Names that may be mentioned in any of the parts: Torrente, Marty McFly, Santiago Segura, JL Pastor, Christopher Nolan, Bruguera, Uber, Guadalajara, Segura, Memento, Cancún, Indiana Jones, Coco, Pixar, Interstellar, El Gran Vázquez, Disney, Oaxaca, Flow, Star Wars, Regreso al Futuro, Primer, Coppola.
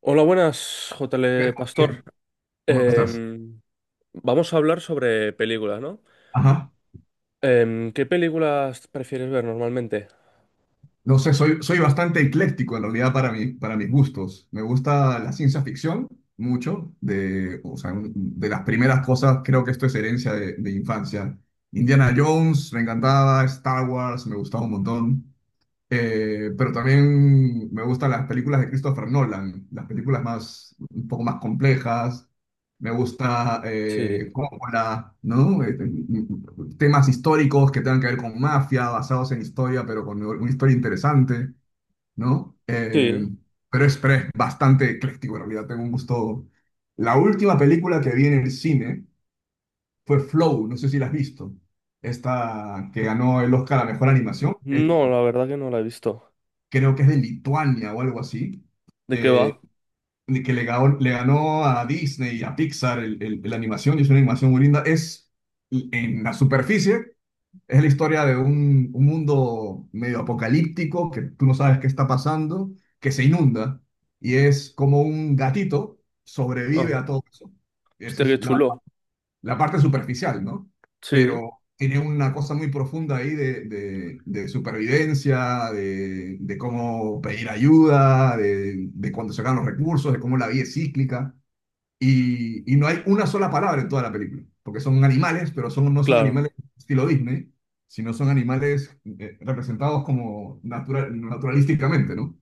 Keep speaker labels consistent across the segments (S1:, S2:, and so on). S1: Hola, buenas, JL
S2: ¿Qué-
S1: Pastor.
S2: qué- ¿Cómo estás?
S1: Em, vamos a hablar sobre películas, ¿no?
S2: Ajá.
S1: ¿Qué películas prefieres ver normalmente?
S2: No sé, soy bastante ecléctico en realidad para mí, para mis gustos. Me gusta la ciencia ficción mucho, o sea, de las primeras cosas, creo que esto es herencia de infancia. Indiana Jones, me encantaba, Star Wars, me gustaba un montón. Pero también me gustan las películas de Christopher Nolan, las películas más, un poco más complejas. Me gusta
S1: Sí,
S2: Coppola, ¿no? Temas históricos que tengan que ver con mafia, basados en historia, pero con una historia interesante, ¿no?
S1: sí.
S2: Pero es bastante ecléctico, en realidad tengo un gusto. La última película que vi en el cine fue Flow, no sé si la has visto. Esta que ganó el Oscar a Mejor
S1: Mm,
S2: Animación. Es
S1: no, la verdad que no la he visto.
S2: Creo que es de Lituania o algo así,
S1: ¿De qué va?
S2: eh, que le ganó a Disney y a Pixar la animación, y es una animación muy linda. En la superficie, es la historia de un mundo medio apocalíptico, que tú no sabes qué está pasando, que se inunda, y es como un gatito
S1: Ah,
S2: sobrevive a todo eso. Esa
S1: hostia,
S2: es
S1: qué
S2: la
S1: chulo.
S2: la parte superficial, ¿no?
S1: Sí,
S2: Pero tiene una cosa muy profunda ahí de supervivencia, de cómo pedir ayuda, de cuando se acaban los recursos, de cómo la vida es cíclica. Y no hay una sola palabra en toda la película, porque son animales, pero no son
S1: claro.
S2: animales estilo Disney, sino son animales representados como naturalísticamente, ¿no?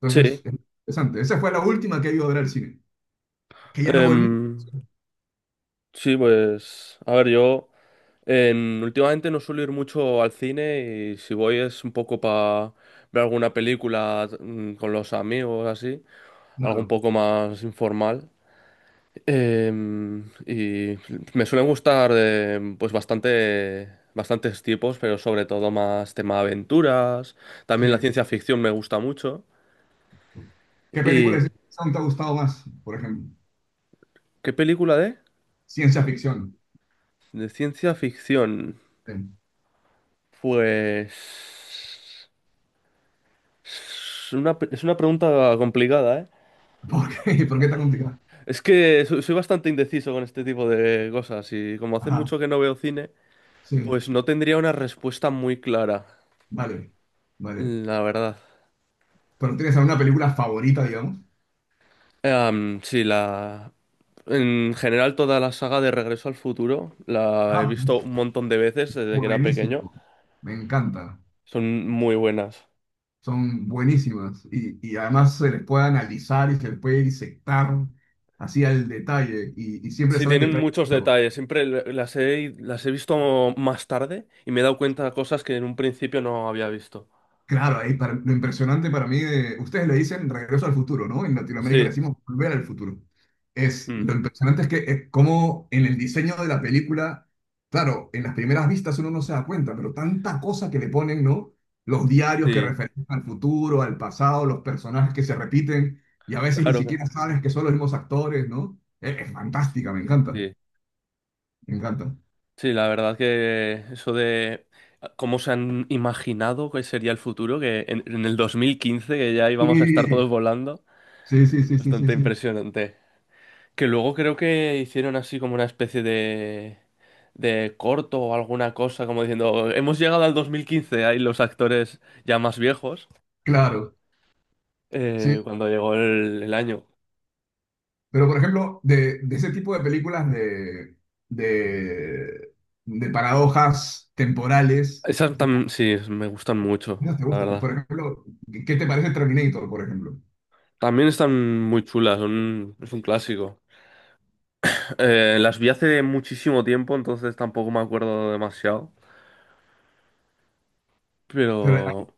S2: Entonces,
S1: Sí.
S2: es interesante. Esa fue la última que he ido a ver al cine, que ya no voy mucho.
S1: Em, sí, pues, a ver, yo últimamente no suelo ir mucho al cine y si voy es un poco para ver alguna película con los amigos, así,
S2: No,
S1: algo un
S2: no.
S1: poco más informal. Y me suelen gustar pues bastantes tipos, pero sobre todo más tema aventuras.
S2: Sí.
S1: También la ciencia ficción me gusta mucho.
S2: ¿Qué película de
S1: ¿Y
S2: ciencia ficción te ha gustado más, por ejemplo?
S1: qué película de?
S2: Ciencia ficción.
S1: De ciencia ficción.
S2: Sí.
S1: Pues es una, es una pregunta complicada, ¿eh?
S2: ¿Por qué? ¿Por qué está complicada?
S1: Es que soy bastante indeciso con este tipo de cosas y como hace
S2: Ajá,
S1: mucho que no veo cine,
S2: sí,
S1: pues no tendría una respuesta muy clara,
S2: vale, vale.
S1: la verdad.
S2: ¿Pero tienes alguna película favorita, digamos?
S1: Sí, la... En general, toda la saga de Regreso al Futuro la he
S2: Ah,
S1: visto
S2: pues,
S1: un montón de veces desde que era pequeño.
S2: buenísimo. Me encanta.
S1: Son muy buenas.
S2: Son buenísimas. Y además se les puede analizar y se les puede disectar así al detalle. Y siempre
S1: Sí,
S2: saben
S1: tienen
S2: detalles.
S1: muchos detalles. Siempre las he visto más tarde y me he dado cuenta de cosas que en un principio no había visto.
S2: Claro, ahí lo impresionante para mí ustedes le dicen regreso al futuro, ¿no? En Latinoamérica le
S1: Sí,
S2: decimos volver al futuro.
S1: mm,
S2: Lo impresionante es que es como en el diseño de la película, claro, en las primeras vistas uno no se da cuenta, pero tanta cosa que le ponen, ¿no? Los diarios que
S1: sí,
S2: referencian al futuro, al pasado, los personajes que se repiten y a veces ni
S1: claro que
S2: siquiera sabes que son los mismos actores, ¿no? Es fantástica, me encanta,
S1: sí.
S2: me encanta.
S1: Sí, la verdad que eso de ah, cómo se han imaginado que sería el futuro, que en el 2015, que ya íbamos a estar
S2: Sí,
S1: todos volando,
S2: sí, sí, sí, sí,
S1: bastante
S2: sí.
S1: impresionante. Que luego creo que hicieron así como una especie de corto o alguna cosa, como diciendo, hemos llegado al 2015 ahí los actores ya más viejos,
S2: Claro. Sí.
S1: cuando llegó el año.
S2: Pero, por ejemplo, de ese tipo de películas de, de paradojas temporales, como
S1: Sí, me gustan mucho,
S2: no te
S1: la
S2: gustan.
S1: verdad.
S2: Por ejemplo, ¿qué te parece Terminator, por ejemplo?
S1: También están muy chulas, son, es un clásico. Las vi hace muchísimo tiempo, entonces tampoco me acuerdo demasiado.
S2: Pero hay
S1: Pero,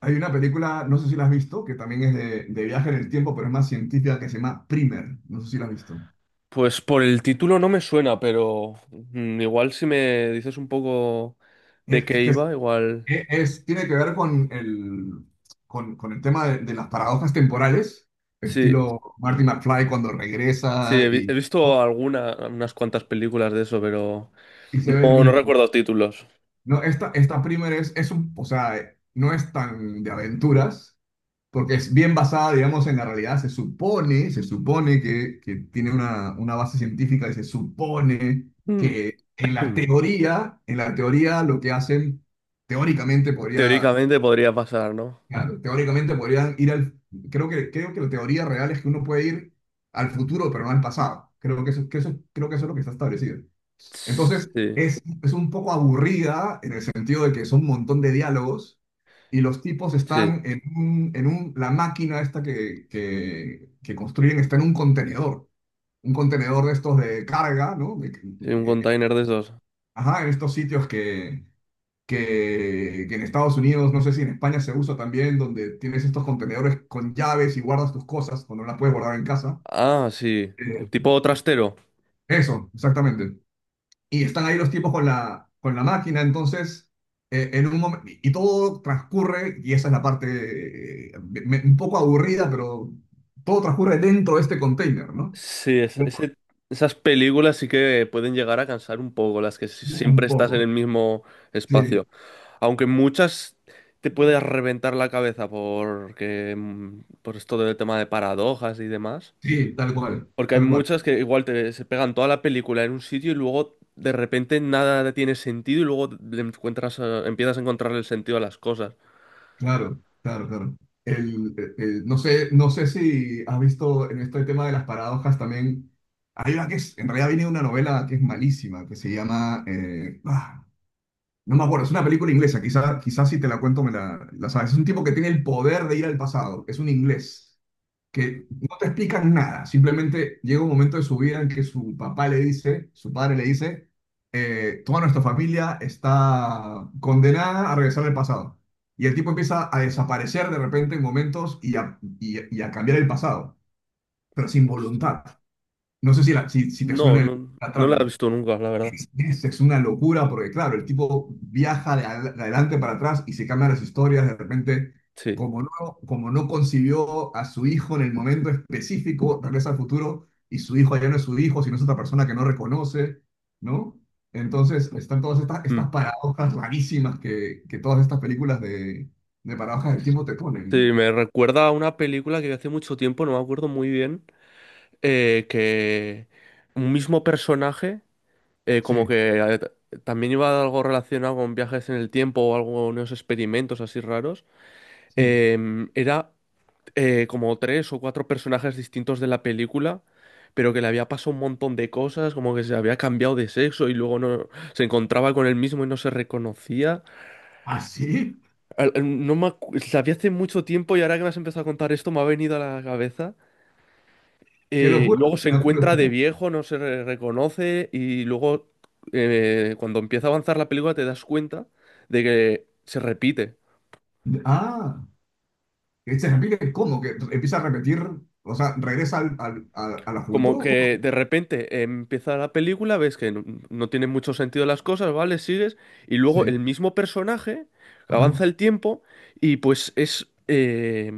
S2: hay una película, no sé si la has visto, que también es de viaje en el tiempo, pero es más científica, que se llama Primer. No sé si la has visto.
S1: pues por el título no me suena, pero igual si me dices un poco de
S2: Es, es
S1: qué
S2: que
S1: iba, igual...
S2: es, es- tiene que ver con con el tema de las paradojas temporales,
S1: Sí,
S2: estilo Marty McFly cuando
S1: sí,
S2: regresa
S1: he
S2: y,
S1: visto alguna, unas cuantas películas de eso, pero
S2: y se ve el
S1: no, no
S2: mismo.
S1: recuerdo títulos.
S2: No, esta primera o sea, no es tan de aventuras, porque es bien basada, digamos, en la realidad. Se supone que, tiene una base científica y se supone
S1: Mm,
S2: que
S1: mm.
S2: en la teoría lo que hacen, teóricamente podría,
S1: Teóricamente podría pasar, ¿no?
S2: claro, teóricamente podrían ir al, creo que la teoría real es que uno puede ir al futuro, pero no al pasado. Creo que eso es lo que está establecido. Entonces,
S1: Sí,
S2: es un poco aburrida en el sentido de que son un montón de diálogos y los tipos
S1: sí,
S2: están la máquina esta que construyen está en un contenedor de estos de carga, ¿no?
S1: sí, un container de esos.
S2: Ajá, en estos sitios que en Estados Unidos, no sé si en España se usa también, donde tienes estos contenedores con llaves y guardas tus cosas cuando no las puedes guardar en casa.
S1: Ah, sí,
S2: Eh,
S1: tipo trastero.
S2: Eso, exactamente. Y están ahí los tipos con la máquina, entonces, en un momen- y todo transcurre, y esa es la parte un poco aburrida, pero todo transcurre dentro de este container, ¿no?
S1: Sí,
S2: Bueno,
S1: esas películas sí que pueden llegar a cansar un poco, las que siempre
S2: un
S1: estás en
S2: poco.
S1: el mismo
S2: Sí,
S1: espacio. Aunque muchas te puedes reventar la cabeza por esto del tema de paradojas y demás.
S2: sí,
S1: Porque hay
S2: tal cual,
S1: muchas que igual te, se pegan toda la película en un sitio y luego de repente nada tiene sentido y luego le encuentras, empiezas a encontrarle el sentido a las cosas.
S2: claro, claro, claro. No sé si has visto en este tema de las paradojas también, hay una que en realidad viene de una novela que es malísima, que se llama, no me acuerdo, es una película inglesa, quizá si te la cuento me la sabes. Es un tipo que tiene el poder de ir al pasado, es un inglés,
S1: Mm,
S2: que no te explican nada, simplemente llega un momento de su vida en que su papá le dice, su padre le dice, toda nuestra familia está condenada a regresar al pasado. Y el tipo empieza a desaparecer de repente en momentos y a cambiar el pasado, pero sin
S1: hostia.
S2: voluntad. No sé si te suena
S1: No,
S2: el-
S1: no,
S2: la
S1: no la he
S2: trama.
S1: visto nunca, la verdad.
S2: Es una locura porque, claro, el tipo viaja de adelante para atrás y se cambian las historias de repente.
S1: Sí.
S2: Como no, como no concibió a su hijo en el momento específico, regresa al futuro y su hijo ya no es su hijo, sino es otra persona que no reconoce, ¿no? Entonces están todas estas,
S1: Mm.
S2: estas paradojas rarísimas que todas estas películas de paradojas del tiempo te ponen, ¿no?
S1: Sí, me recuerda a una película que vi hace mucho tiempo, no me acuerdo muy bien, que un mismo personaje, eh, como
S2: Sí,
S1: que eh, t- también iba algo relacionado con viajes en el tiempo o algo, unos experimentos así raros,
S2: sí.
S1: em, era como tres o cuatro personajes distintos de la película, pero que le había pasado un montón de cosas, como que se había cambiado de sexo y luego no se encontraba con él mismo y no se reconocía.
S2: ¿Ah, sí?
S1: Al- al- No me acu- la vi hace mucho tiempo y ahora que me has empezado a contar esto me ha venido a la cabeza.
S2: ¡Qué
S1: Y
S2: locura!
S1: luego se
S2: ¡Qué
S1: encuentra de
S2: locura!
S1: viejo, no se re- reconoce y luego cuando empieza a avanzar la película te das cuenta de que se repite.
S2: Ah. Cristian Enrique, ¿cómo? ¿Que empieza a repetir? O sea, regresa al, a la
S1: Como
S2: juventud. ¿Cómo?
S1: que de repente empieza la película, ves que no, no tienen mucho sentido las cosas, ¿vale? Sigues y luego
S2: Sí.
S1: el mismo personaje avanza
S2: Ajá.
S1: el tiempo y pues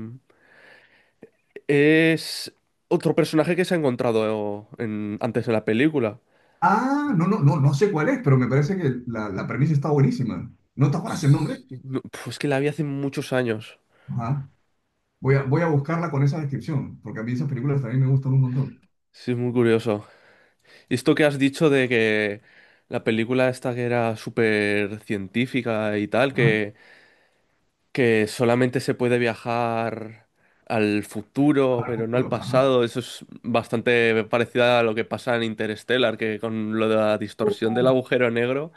S1: es otro personaje que se ha encontrado antes de la película.
S2: Ah, no, no, no, no sé cuál es, pero me parece que la premisa está buenísima. ¿No te acuerdas el nombre?
S1: Sí. No, pf, es que la vi hace muchos años.
S2: Ajá. Voy a buscarla con esa descripción, porque a mí esas películas también me gustan un montón.
S1: Sí, es muy curioso. Y esto que has dicho de que la película esta que era súper científica y tal,
S2: Ajá.
S1: que solamente se puede viajar al futuro, pero no al
S2: Ajá.
S1: pasado. Eso es bastante parecido a lo que pasa en Interstellar, que con lo de la
S2: Oh,
S1: distorsión del
S2: oh.
S1: agujero negro,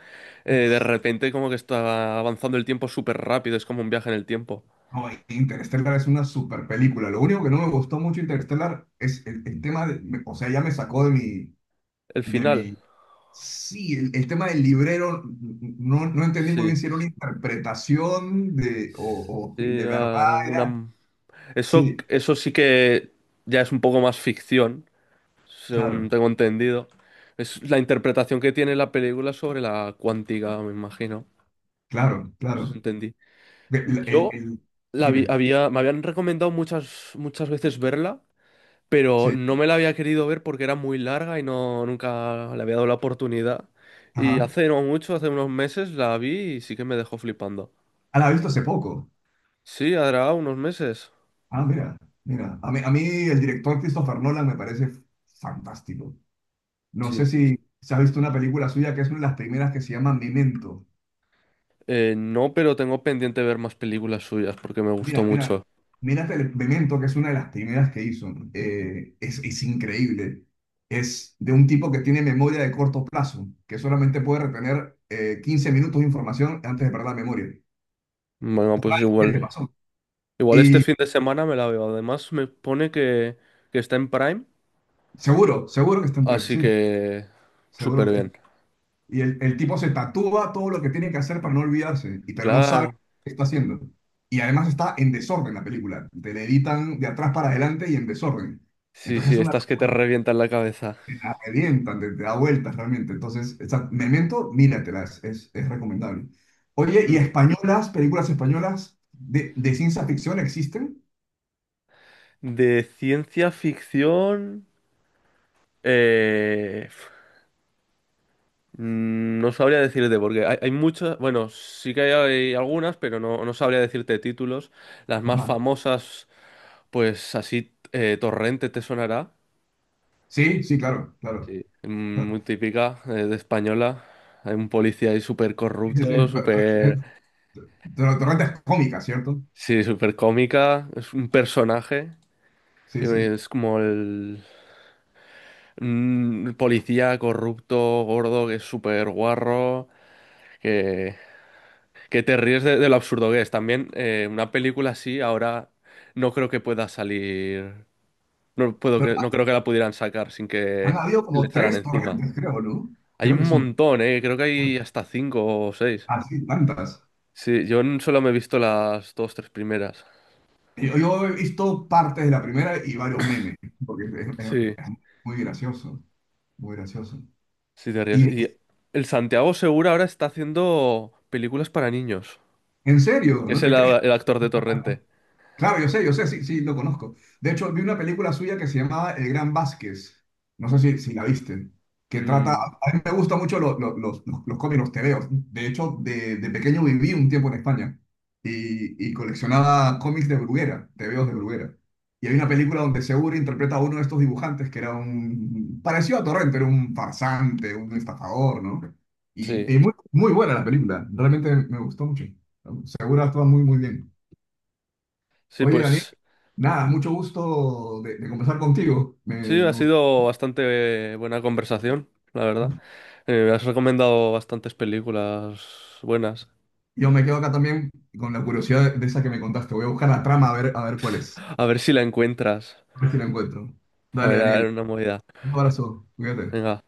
S1: de repente como que está avanzando el tiempo súper rápido, es como un viaje en el tiempo.
S2: No, Interstellar es una super película. Lo único que no me gustó mucho Interstellar es el tema o sea, ya me sacó de mi,
S1: El
S2: de
S1: final,
S2: mi... Sí, el tema del librero, no entendí muy
S1: sí.
S2: bien si era una interpretación o
S1: Sí,
S2: si de
S1: era
S2: verdad era.
S1: alguna... Eso,
S2: Sí,
S1: eso sí que ya es un poco más ficción, según
S2: claro,
S1: tengo entendido. Es la interpretación que tiene la película sobre la cuántica, me imagino.
S2: claro,
S1: Eso sí
S2: claro.
S1: entendí.
S2: El, el-
S1: Yo
S2: el- dime,
S1: había, me habían recomendado muchas veces verla, pero
S2: sí,
S1: no me la había querido ver porque era muy larga y no, nunca le había dado la oportunidad. Y
S2: ajá.
S1: hace no mucho, hace unos meses, la vi y sí que me dejó flipando.
S2: Ah, la he visto hace poco.
S1: Sí, hará unos meses.
S2: Ah, mira, mira. A mí el director Christopher Nolan me parece fantástico. No sé
S1: Sí.
S2: si se ha visto una película suya que es una de las primeras que se llama Memento.
S1: No, pero tengo pendiente ver más películas suyas porque me gustó
S2: Mira, mira,
S1: mucho.
S2: mírate el experimento que es una de las primeras que hizo. Es increíble. Es de un tipo que tiene memoria de corto plazo, que solamente puede retener 15 minutos de información antes de perder la memoria.
S1: Bueno, pues
S2: ¿Qué le
S1: igual.
S2: pasó?
S1: Igual este
S2: Y
S1: fin de semana me la veo. Además, me pone que está en Prime,
S2: seguro, seguro que está en Pride,
S1: así
S2: sí,
S1: que
S2: seguro que
S1: súper
S2: está en
S1: bien.
S2: Pride. Y el tipo se tatúa todo lo que tiene que hacer para no olvidarse, pero no sabe
S1: Claro.
S2: qué está haciendo. Y además está en desorden la película. Te le editan de atrás para adelante y en desorden.
S1: Sí,
S2: Entonces
S1: sí,
S2: es una
S1: estas que te
S2: locura.
S1: revientan la cabeza.
S2: Te la revientan, te da vueltas realmente. Entonces, Memento, míratelas, es recomendable. Oye, ¿y
S1: Mm.
S2: españolas, películas españolas de ciencia ficción existen?
S1: De ciencia ficción. eh, no sabría decirte, porque hay muchas. Bueno, sí que hay algunas, pero no, no sabría decirte títulos. Las más
S2: Ajá.
S1: famosas, pues así, Torrente te sonará.
S2: Sí, sí, claro, claro.
S1: mm, Muy
S2: Claro.
S1: típica, de española. Hay un policía ahí súper
S2: Sí, sí,
S1: corrupto,
S2: sí,
S1: súper.
S2: es- pero torrentas cómicas, ¿cierto?
S1: Sí, súper cómica. Es un personaje.
S2: Sí, sí.
S1: Es como el. Policía corrupto, gordo, que es súper guarro, que, que te ríes de lo absurdo que es. También una película así ahora no creo que pueda salir,
S2: Pero
S1: no creo que la pudieran sacar sin
S2: han
S1: que
S2: habido
S1: le
S2: como
S1: echaran
S2: tres
S1: encima.
S2: torrentes, creo, ¿no?
S1: Hay
S2: Creo
S1: un
S2: que son
S1: montón, creo que hay hasta cinco o seis.
S2: así, tantas.
S1: Sí, solo me he visto las tres primeras.
S2: Yo he visto partes de la primera y varios memes, porque es, es-
S1: Sí,
S2: es muy gracioso, muy gracioso.
S1: sí, te ríes. Y el Santiago Segura ahora está haciendo películas para niños.
S2: En serio,
S1: Es
S2: no te crees.
S1: el actor de Torrente.
S2: Claro, yo sé, sí, sí, lo conozco. De hecho, vi una película suya que se llamaba El Gran Vázquez. No sé si la viste. Que trata.
S1: Mm.
S2: A mí me gustan mucho los cómics, los tebeos. De hecho, de pequeño viví un tiempo en España y coleccionaba cómics de Bruguera, tebeos de Bruguera. Y hay una película donde Segura interpreta a uno de estos dibujantes que era un. Parecido a Torrente, era un farsante, un estafador, ¿no?
S1: Sí,
S2: Y muy, muy buena la película. Realmente me gustó mucho. Segura actúa muy, muy bien.
S1: sí,
S2: Oye, Daniel,
S1: pues
S2: nada, mucho gusto de conversar contigo. Me,
S1: sí, ha
S2: me gustó.
S1: sido bastante buena conversación, la verdad. Me has recomendado bastantes películas buenas.
S2: Yo me quedo acá también con la curiosidad de esa que me contaste. Voy a buscar la trama a ver cuál es.
S1: A ver si la encuentras.
S2: A ver si la encuentro. Dale,
S1: Fuera, era
S2: Daniel.
S1: una movida.
S2: Un abrazo. Cuídate.
S1: Venga.